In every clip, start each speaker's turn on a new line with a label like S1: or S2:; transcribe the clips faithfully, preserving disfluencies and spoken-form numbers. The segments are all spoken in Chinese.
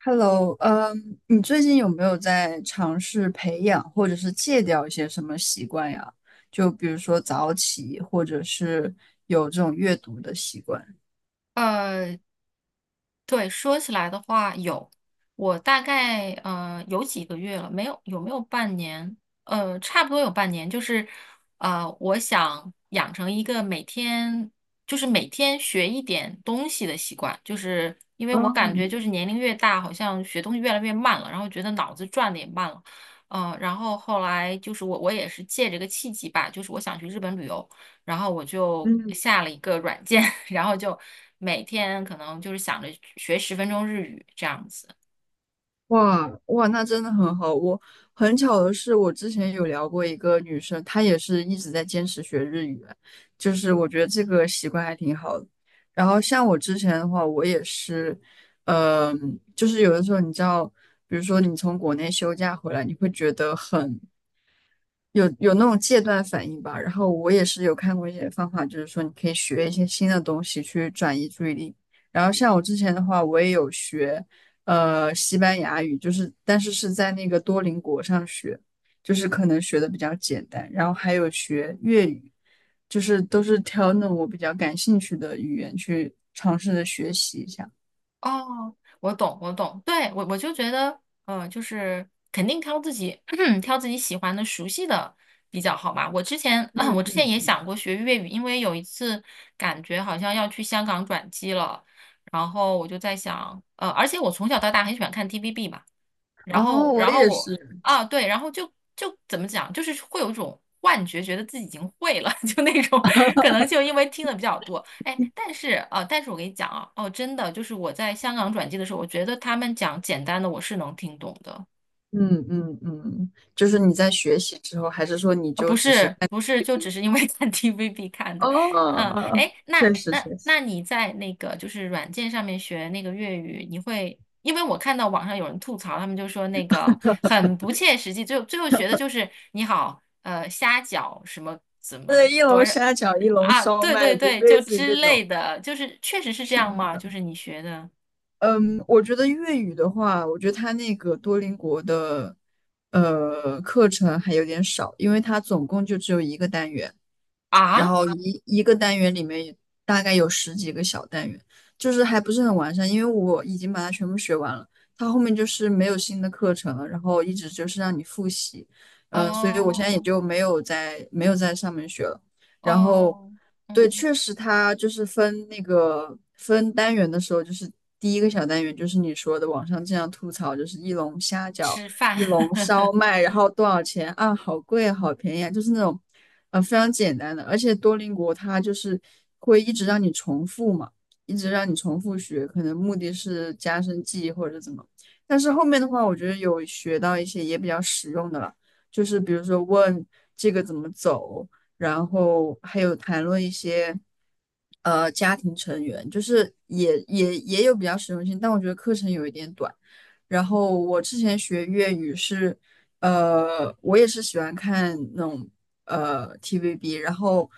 S1: Hello,嗯，你最近有没有在尝试培养或者是戒掉一些什么习惯呀？就比如说早起，或者是有这种阅读的习惯。
S2: 呃，对，说起来的话，有，我大概呃有几个月了，没有，有没有半年？呃，差不多有半年，就是呃，我想养成一个每天就是每天学一点东西的习惯，就是因为我感觉就
S1: 嗯
S2: 是年龄越大，好像学东西越来越慢了，然后觉得脑子转的也慢了，呃，然后后来就是我我也是借这个契机吧，就是我想去日本旅游。然后我就
S1: 嗯，
S2: 下了一个软件，然后就每天可能就是想着学十分钟日语这样子。
S1: 哇哇，那真的很好。我很巧的是，我之前有聊过一个女生，她也是一直在坚持学日语，就是我觉得这个习惯还挺好的。然后像我之前的话，我也是，嗯、就是有的时候你知道，比如说你从国内休假回来，你会觉得很有有那种戒断反应吧，然后我也是有看过一些方法，就是说你可以学一些新的东西去转移注意力。然后像我之前的话，我也有学呃西班牙语，就是但是是在那个多邻国上学，就是可能学的比较简单。然后还有学粤语，就是都是挑那种我比较感兴趣的语言去尝试着学习一下。
S2: 哦，我懂，我懂，对，我我就觉得，嗯、就是肯定挑自己 挑自己喜欢的、熟悉的比较好吧。我之前，我之
S1: 嗯，
S2: 前也想过学粤语，因为有一次感觉好像要去香港转机了，然后我就在想，呃，而且我从小到大很喜欢看 T V B 嘛。然后，
S1: 哦，我
S2: 然后
S1: 也
S2: 我
S1: 是，
S2: 啊，对，然后就就怎么讲，就是会有一种幻觉，觉得自己已经会了，就那种可能就因为听的比较多，哎，但是啊，但是我跟你讲啊，哦，真的，就是我在香港转机的时候，我觉得他们讲简单的我是能听懂的，
S1: 嗯嗯嗯，就是你
S2: 嗯。
S1: 在学习之后，还是说你
S2: 啊，
S1: 就
S2: 不
S1: 只是？
S2: 是不是，就只是因为 看 T V B 看的，嗯，
S1: 哦，
S2: 哎，那
S1: 确实
S2: 那
S1: 确实
S2: 那你在那个就是软件上面学那个粤语，你会，因为我看到网上有人吐槽，他们就说那个 很不切实际，最后最后学的就是你好，呃，虾饺什么怎么
S1: 对，一
S2: 多
S1: 笼
S2: 少
S1: 沙饺、一笼
S2: 啊，
S1: 烧
S2: 对
S1: 麦，
S2: 对
S1: 就
S2: 对，
S1: 类
S2: 就
S1: 似于这
S2: 之类
S1: 种。
S2: 的，就是确实是这
S1: 是
S2: 样
S1: 的，是
S2: 吗？
S1: 的。
S2: 就是你学的
S1: 嗯，我觉得粤语的话，我觉得它那个多邻国的呃课程还有点少，因为它总共就只有一个单元。然
S2: 啊，
S1: 后一一个单元里面大概有十几个小单元，就是还不是很完善，因为我已经把它全部学完了，它后面就是没有新的课程了，然后一直就是让你复习，嗯、所以我现在也
S2: 哦
S1: 就没有在没有在上面学了，然后
S2: 哦，
S1: 对，
S2: 嗯，
S1: 确实它就是分那个分单元的时候，就是第一个小单元就是你说的网上经常吐槽就是一笼虾饺。
S2: 吃饭，
S1: 一笼烧 麦，然后多少钱啊？好贵啊，好便宜啊，就是那种，呃，非常简单的。而且多邻国它就是会一直让你重复嘛，一直让你重复学，可能目的是加深记忆或者怎么。但是后面的话，我觉得有学到一些也比较实用的了，就是比如说问这个怎么走，然后还有谈论一些。呃，家庭成员就是也也也有比较实用性，但我觉得课程有一点短。然后我之前学粤语是，呃，我也是喜欢看那种呃 T V B，然后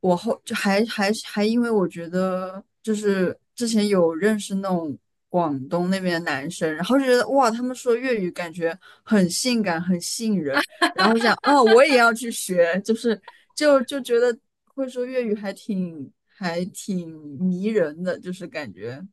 S1: 我后就还还还因为我觉得就是之前有认识那种广东那边的男生，然后就觉得哇，他们说粤语感觉很性感，很吸引人，然后我想哦，我也要去学，就是就就觉得会说粤语还挺还挺迷人的，就是感觉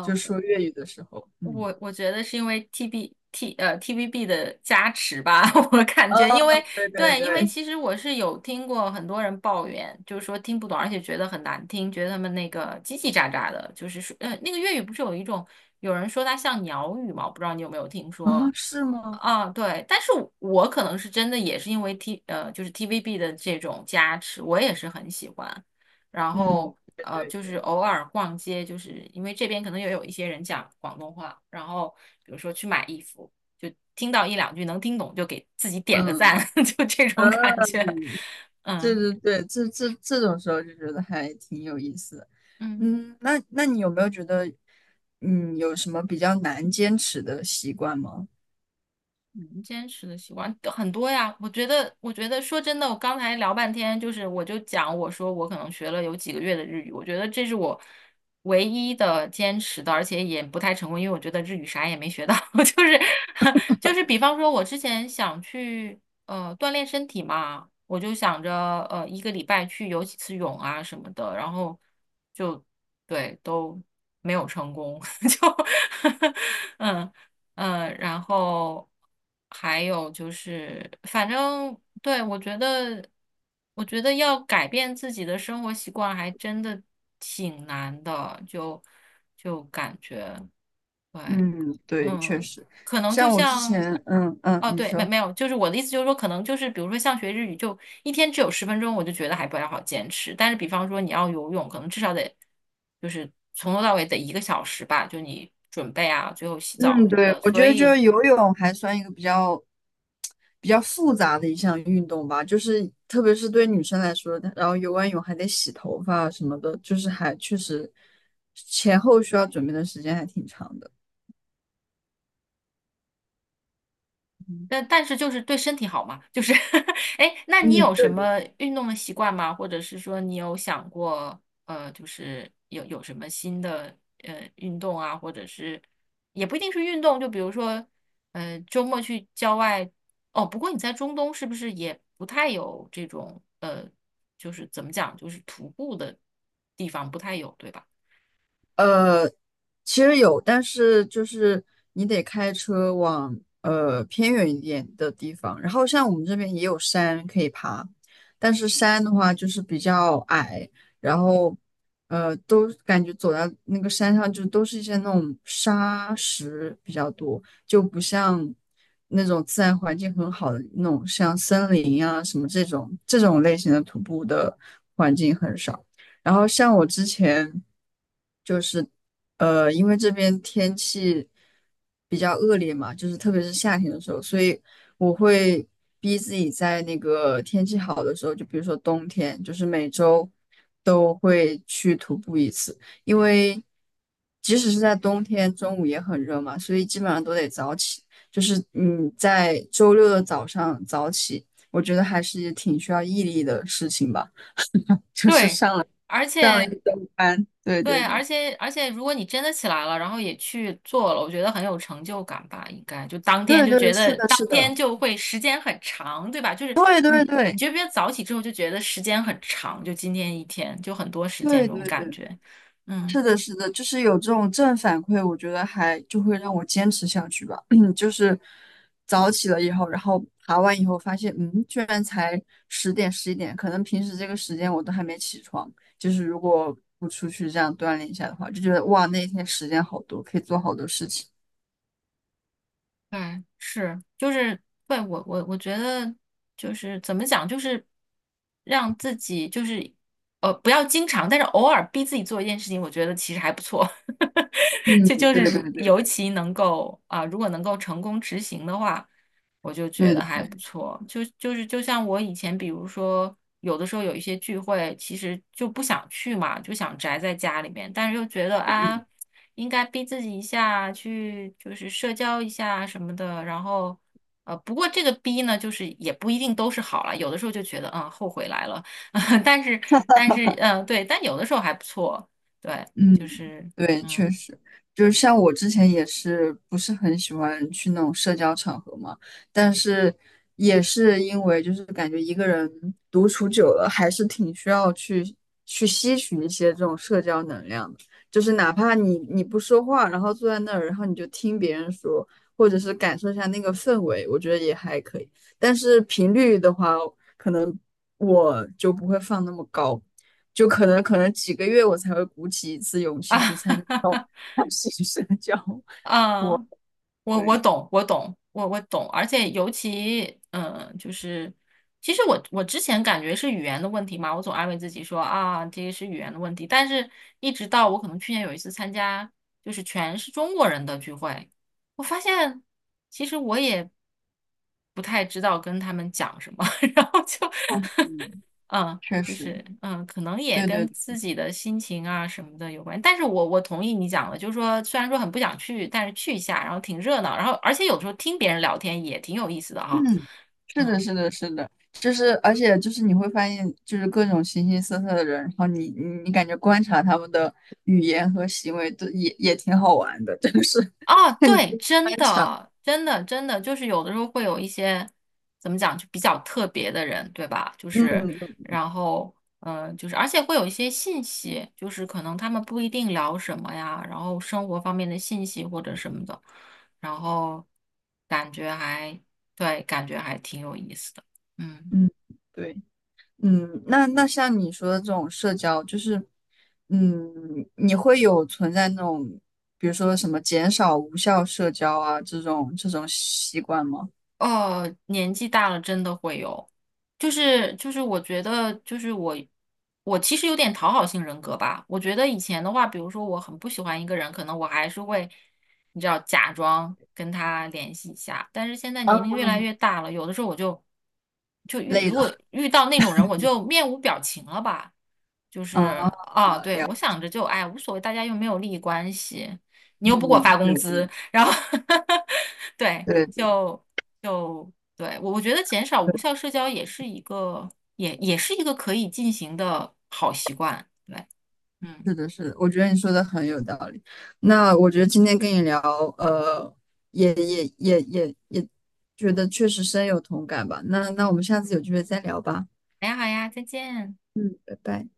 S1: 就说粤语的时候，嗯。
S2: 我我觉得是因为 T B T 呃 T V B 的加持吧，我感
S1: 哦，
S2: 觉，因为
S1: 对对
S2: 对，因为
S1: 对，
S2: 其实我是有听过很多人抱怨，就是说听不懂，而且觉得很难听，觉得他们那个叽叽喳喳的，就是说，呃，那个粤语不是有一种有人说它像鸟语嘛，我不知道你有没有听
S1: 啊，
S2: 说，
S1: 是吗？
S2: 啊，对，但是我可能是真的也是因为 T 呃，就是 T V B 的这种加持，我也是很喜欢。然
S1: 嗯，
S2: 后
S1: 对
S2: 呃，
S1: 对
S2: 就是
S1: 对，
S2: 偶尔逛街，就是因为这边可能也有一些人讲广东话，然后比如说去买衣服，就听到一两句能听懂，就给自己点个
S1: 嗯
S2: 赞，就这
S1: 啊，
S2: 种感觉。
S1: 对
S2: 嗯
S1: 对对，这这这种时候就觉得还挺有意思的。
S2: 嗯。
S1: 嗯，那那你有没有觉得，嗯，有什么比较难坚持的习惯吗？
S2: 嗯，坚持的习惯很多呀，我觉得，我觉得说真的，我刚才聊半天，就是我就讲，我说我可能学了有几个月的日语，我觉得这是我唯一的坚持的，而且也不太成功，因为我觉得日语啥也没学到，就是 就是比方说，我之前想去呃锻炼身体嘛，我就想着呃一个礼拜去游几次泳啊什么的，然后就对都没有成功，就 嗯。嗯，然后还有就是，反正对，我觉得，我觉得要改变自己的生活习惯，还真的挺难的，就就感觉。对，
S1: 嗯，对，确
S2: 嗯，
S1: 实，
S2: 可能就
S1: 像我之
S2: 像，
S1: 前，嗯嗯，
S2: 哦，
S1: 你
S2: 对，没
S1: 说。
S2: 没有，就是我的意思就是说，可能就是比如说像学日语，就一天只有十分钟，我就觉得还不太好坚持。但是比方说你要游泳，可能至少得就是从头到尾得一个小时吧，就你准备啊，最后洗澡
S1: 嗯，
S2: 什么
S1: 对，
S2: 的。
S1: 我
S2: 所
S1: 觉得就
S2: 以
S1: 是游泳还算一个比较比较复杂的一项运动吧，就是特别是对女生来说，然后游完泳还得洗头发啊什么的，就是还确实前后需要准备的时间还挺长的。
S2: 嗯但但是就是对身体好嘛，就是 哎，那你
S1: 嗯，
S2: 有什
S1: 对
S2: 么运动的习惯吗？或者是说你有想过，呃，就是有有什么新的呃运动啊，或者是也不一定是运动，就比如说，呃，周末去郊外，哦，不过你在中东是不是也不太有这种呃，就是怎么讲，就是徒步的地方不太有，对吧？
S1: 呃，其实有，但是就是你得开车往呃偏远一点的地方。然后像我们这边也有山可以爬，但是山的话就是比较矮，然后呃都感觉走到那个山上就都是一些那种沙石比较多，就不像那种自然环境很好的那种像森林啊什么这种这种类型的徒步的环境很少。然后像我之前。就是呃，因为这边天气比较恶劣嘛，就是特别是夏天的时候，所以我会逼自己在那个天气好的时候，就比如说冬天，就是每周都会去徒步一次，因为即使是在冬天，中午也很热嘛，所以基本上都得早起。就是你在周六的早上早起，我觉得还是挺需要毅力的事情吧。就是
S2: 对，
S1: 上了
S2: 而
S1: 上了一
S2: 且
S1: 周班，对对
S2: 对，而
S1: 对。
S2: 且而且，如果你真的起来了，然后也去做了，我觉得很有成就感吧，应该就当天
S1: 对
S2: 就
S1: 对，
S2: 觉
S1: 是
S2: 得
S1: 的，
S2: 当
S1: 是
S2: 天
S1: 的，
S2: 就会时间很长，对吧？就是
S1: 对
S2: 你
S1: 对对
S2: 觉不觉得早起之后就觉得时间很长，就今天一天就很多时间
S1: 对
S2: 这
S1: 对
S2: 种感
S1: 对，
S2: 觉，嗯。
S1: 是的，是的，就是有这种正反馈，我觉得还就会让我坚持下去吧。就是早起了以后，然后爬完以后发现，嗯，居然才十点十一点，可能平时这个时间我都还没起床。就是如果不出去这样锻炼一下的话，就觉得哇，那一天时间好多，可以做好多事情。
S2: 对，是，就是，对，我我我觉得就是怎么讲，就是让自己就是呃不要经常，但是偶尔逼自己做一件事情，我觉得其实还不错。
S1: 嗯，
S2: 就就
S1: 对
S2: 是
S1: 对
S2: 如
S1: 对对
S2: 尤
S1: 对
S2: 其能够啊、如果能够成功执行的话，我就觉
S1: 对
S2: 得还不
S1: 对，
S2: 错。就就是就像我以前，比如说有的时候有一些聚会，其实就不想去嘛，就想宅在家里面，但是又觉得
S1: 嗯。
S2: 啊，应该逼自己一下，去就是社交一下什么的。然后呃，不过这个逼呢，就是也不一定都是好了，有的时候就觉得嗯，后悔来了，但是但是嗯，呃对，但有的时候还不错，对，
S1: 嗯，
S2: 就是
S1: 对，确
S2: 嗯
S1: 实，就是像我之前也是不是很喜欢去那种社交场合嘛，但是也是因为就是感觉一个人独处久了，还是挺需要去去吸取一些这种社交能量的，就是哪怕你你不说话，然后坐在那儿，然后你就听别人说，或者是感受一下那个氛围，我觉得也还可以。但是频率的话，可能我就不会放那么高。就可能可能几个月我才会鼓起一次勇气去
S2: 啊，
S1: 参加新 社交 活
S2: 嗯。我我懂，我懂，我我懂，而且尤其，嗯，就是，其实我我之前感觉是语言的问题嘛，我总安慰自己说啊，这个是语言的问题，但是一直到我可能去年有一次参加，就是全是中国人的聚会，我发现其实我也不太知道跟他们讲什么，然后就，
S1: 动。
S2: 嗯。
S1: 确
S2: 就
S1: 实，
S2: 是嗯，可能也
S1: 对
S2: 跟
S1: 对，
S2: 自己的心情啊什么的有关。但是我我同意你讲的，就是说虽然说很不想去，但是去一下，然后挺热闹，然后而且有时候听别人聊天也挺有意思的哈，
S1: 嗯，是的，
S2: 嗯。
S1: 是的，是的，就是而且就是你会发现，就是各种形形色色的人，然后你你你感觉观察他们的语言和行为都也也挺好玩的，就是
S2: 啊，
S1: 看你
S2: 对，
S1: 去
S2: 真
S1: 观察，
S2: 的，真的，真的，就是有的时候会有一些怎么讲，就比较特别的人，对吧？就
S1: 嗯
S2: 是，
S1: 嗯
S2: 然后，嗯、呃就是，而且会有一些信息，就是可能他们不一定聊什么呀，然后生活方面的信息或者什么的，然后感觉还，对，感觉还挺有意思的，嗯。
S1: 嗯，对。嗯，那那像你说的这种社交，就是，嗯，你会有存在那种，比如说什么减少无效社交啊这种这种习惯吗？
S2: 哦，年纪大了真的会有，就是就是我觉得就是我我其实有点讨好性人格吧。我觉得以前的话，比如说我很不喜欢一个人，可能我还是会你知道假装跟他联系一下，但是现在年龄越来越大了，有的时候我就就遇
S1: 累
S2: 如
S1: 了
S2: 果遇到那种人，我就面无表情了吧，就是
S1: 啊，
S2: 啊，对，我想着就哎无所谓，大家又没有利益关系，你又不给我发
S1: 嗯，
S2: 工
S1: 对
S2: 资，
S1: 对
S2: 然后 对。
S1: 对
S2: 就就对，我我觉得减少无
S1: 对，
S2: 效社交也是一个，也也是一个可以进行的好习惯。对，
S1: 是
S2: 嗯，
S1: 的，是的，我觉得你说的很有道理。那我觉得今天跟你聊，呃，也也也也也觉得确实深有同感吧。那那我们下次有机会再聊吧。
S2: 好呀好呀，再见。
S1: 嗯，拜拜。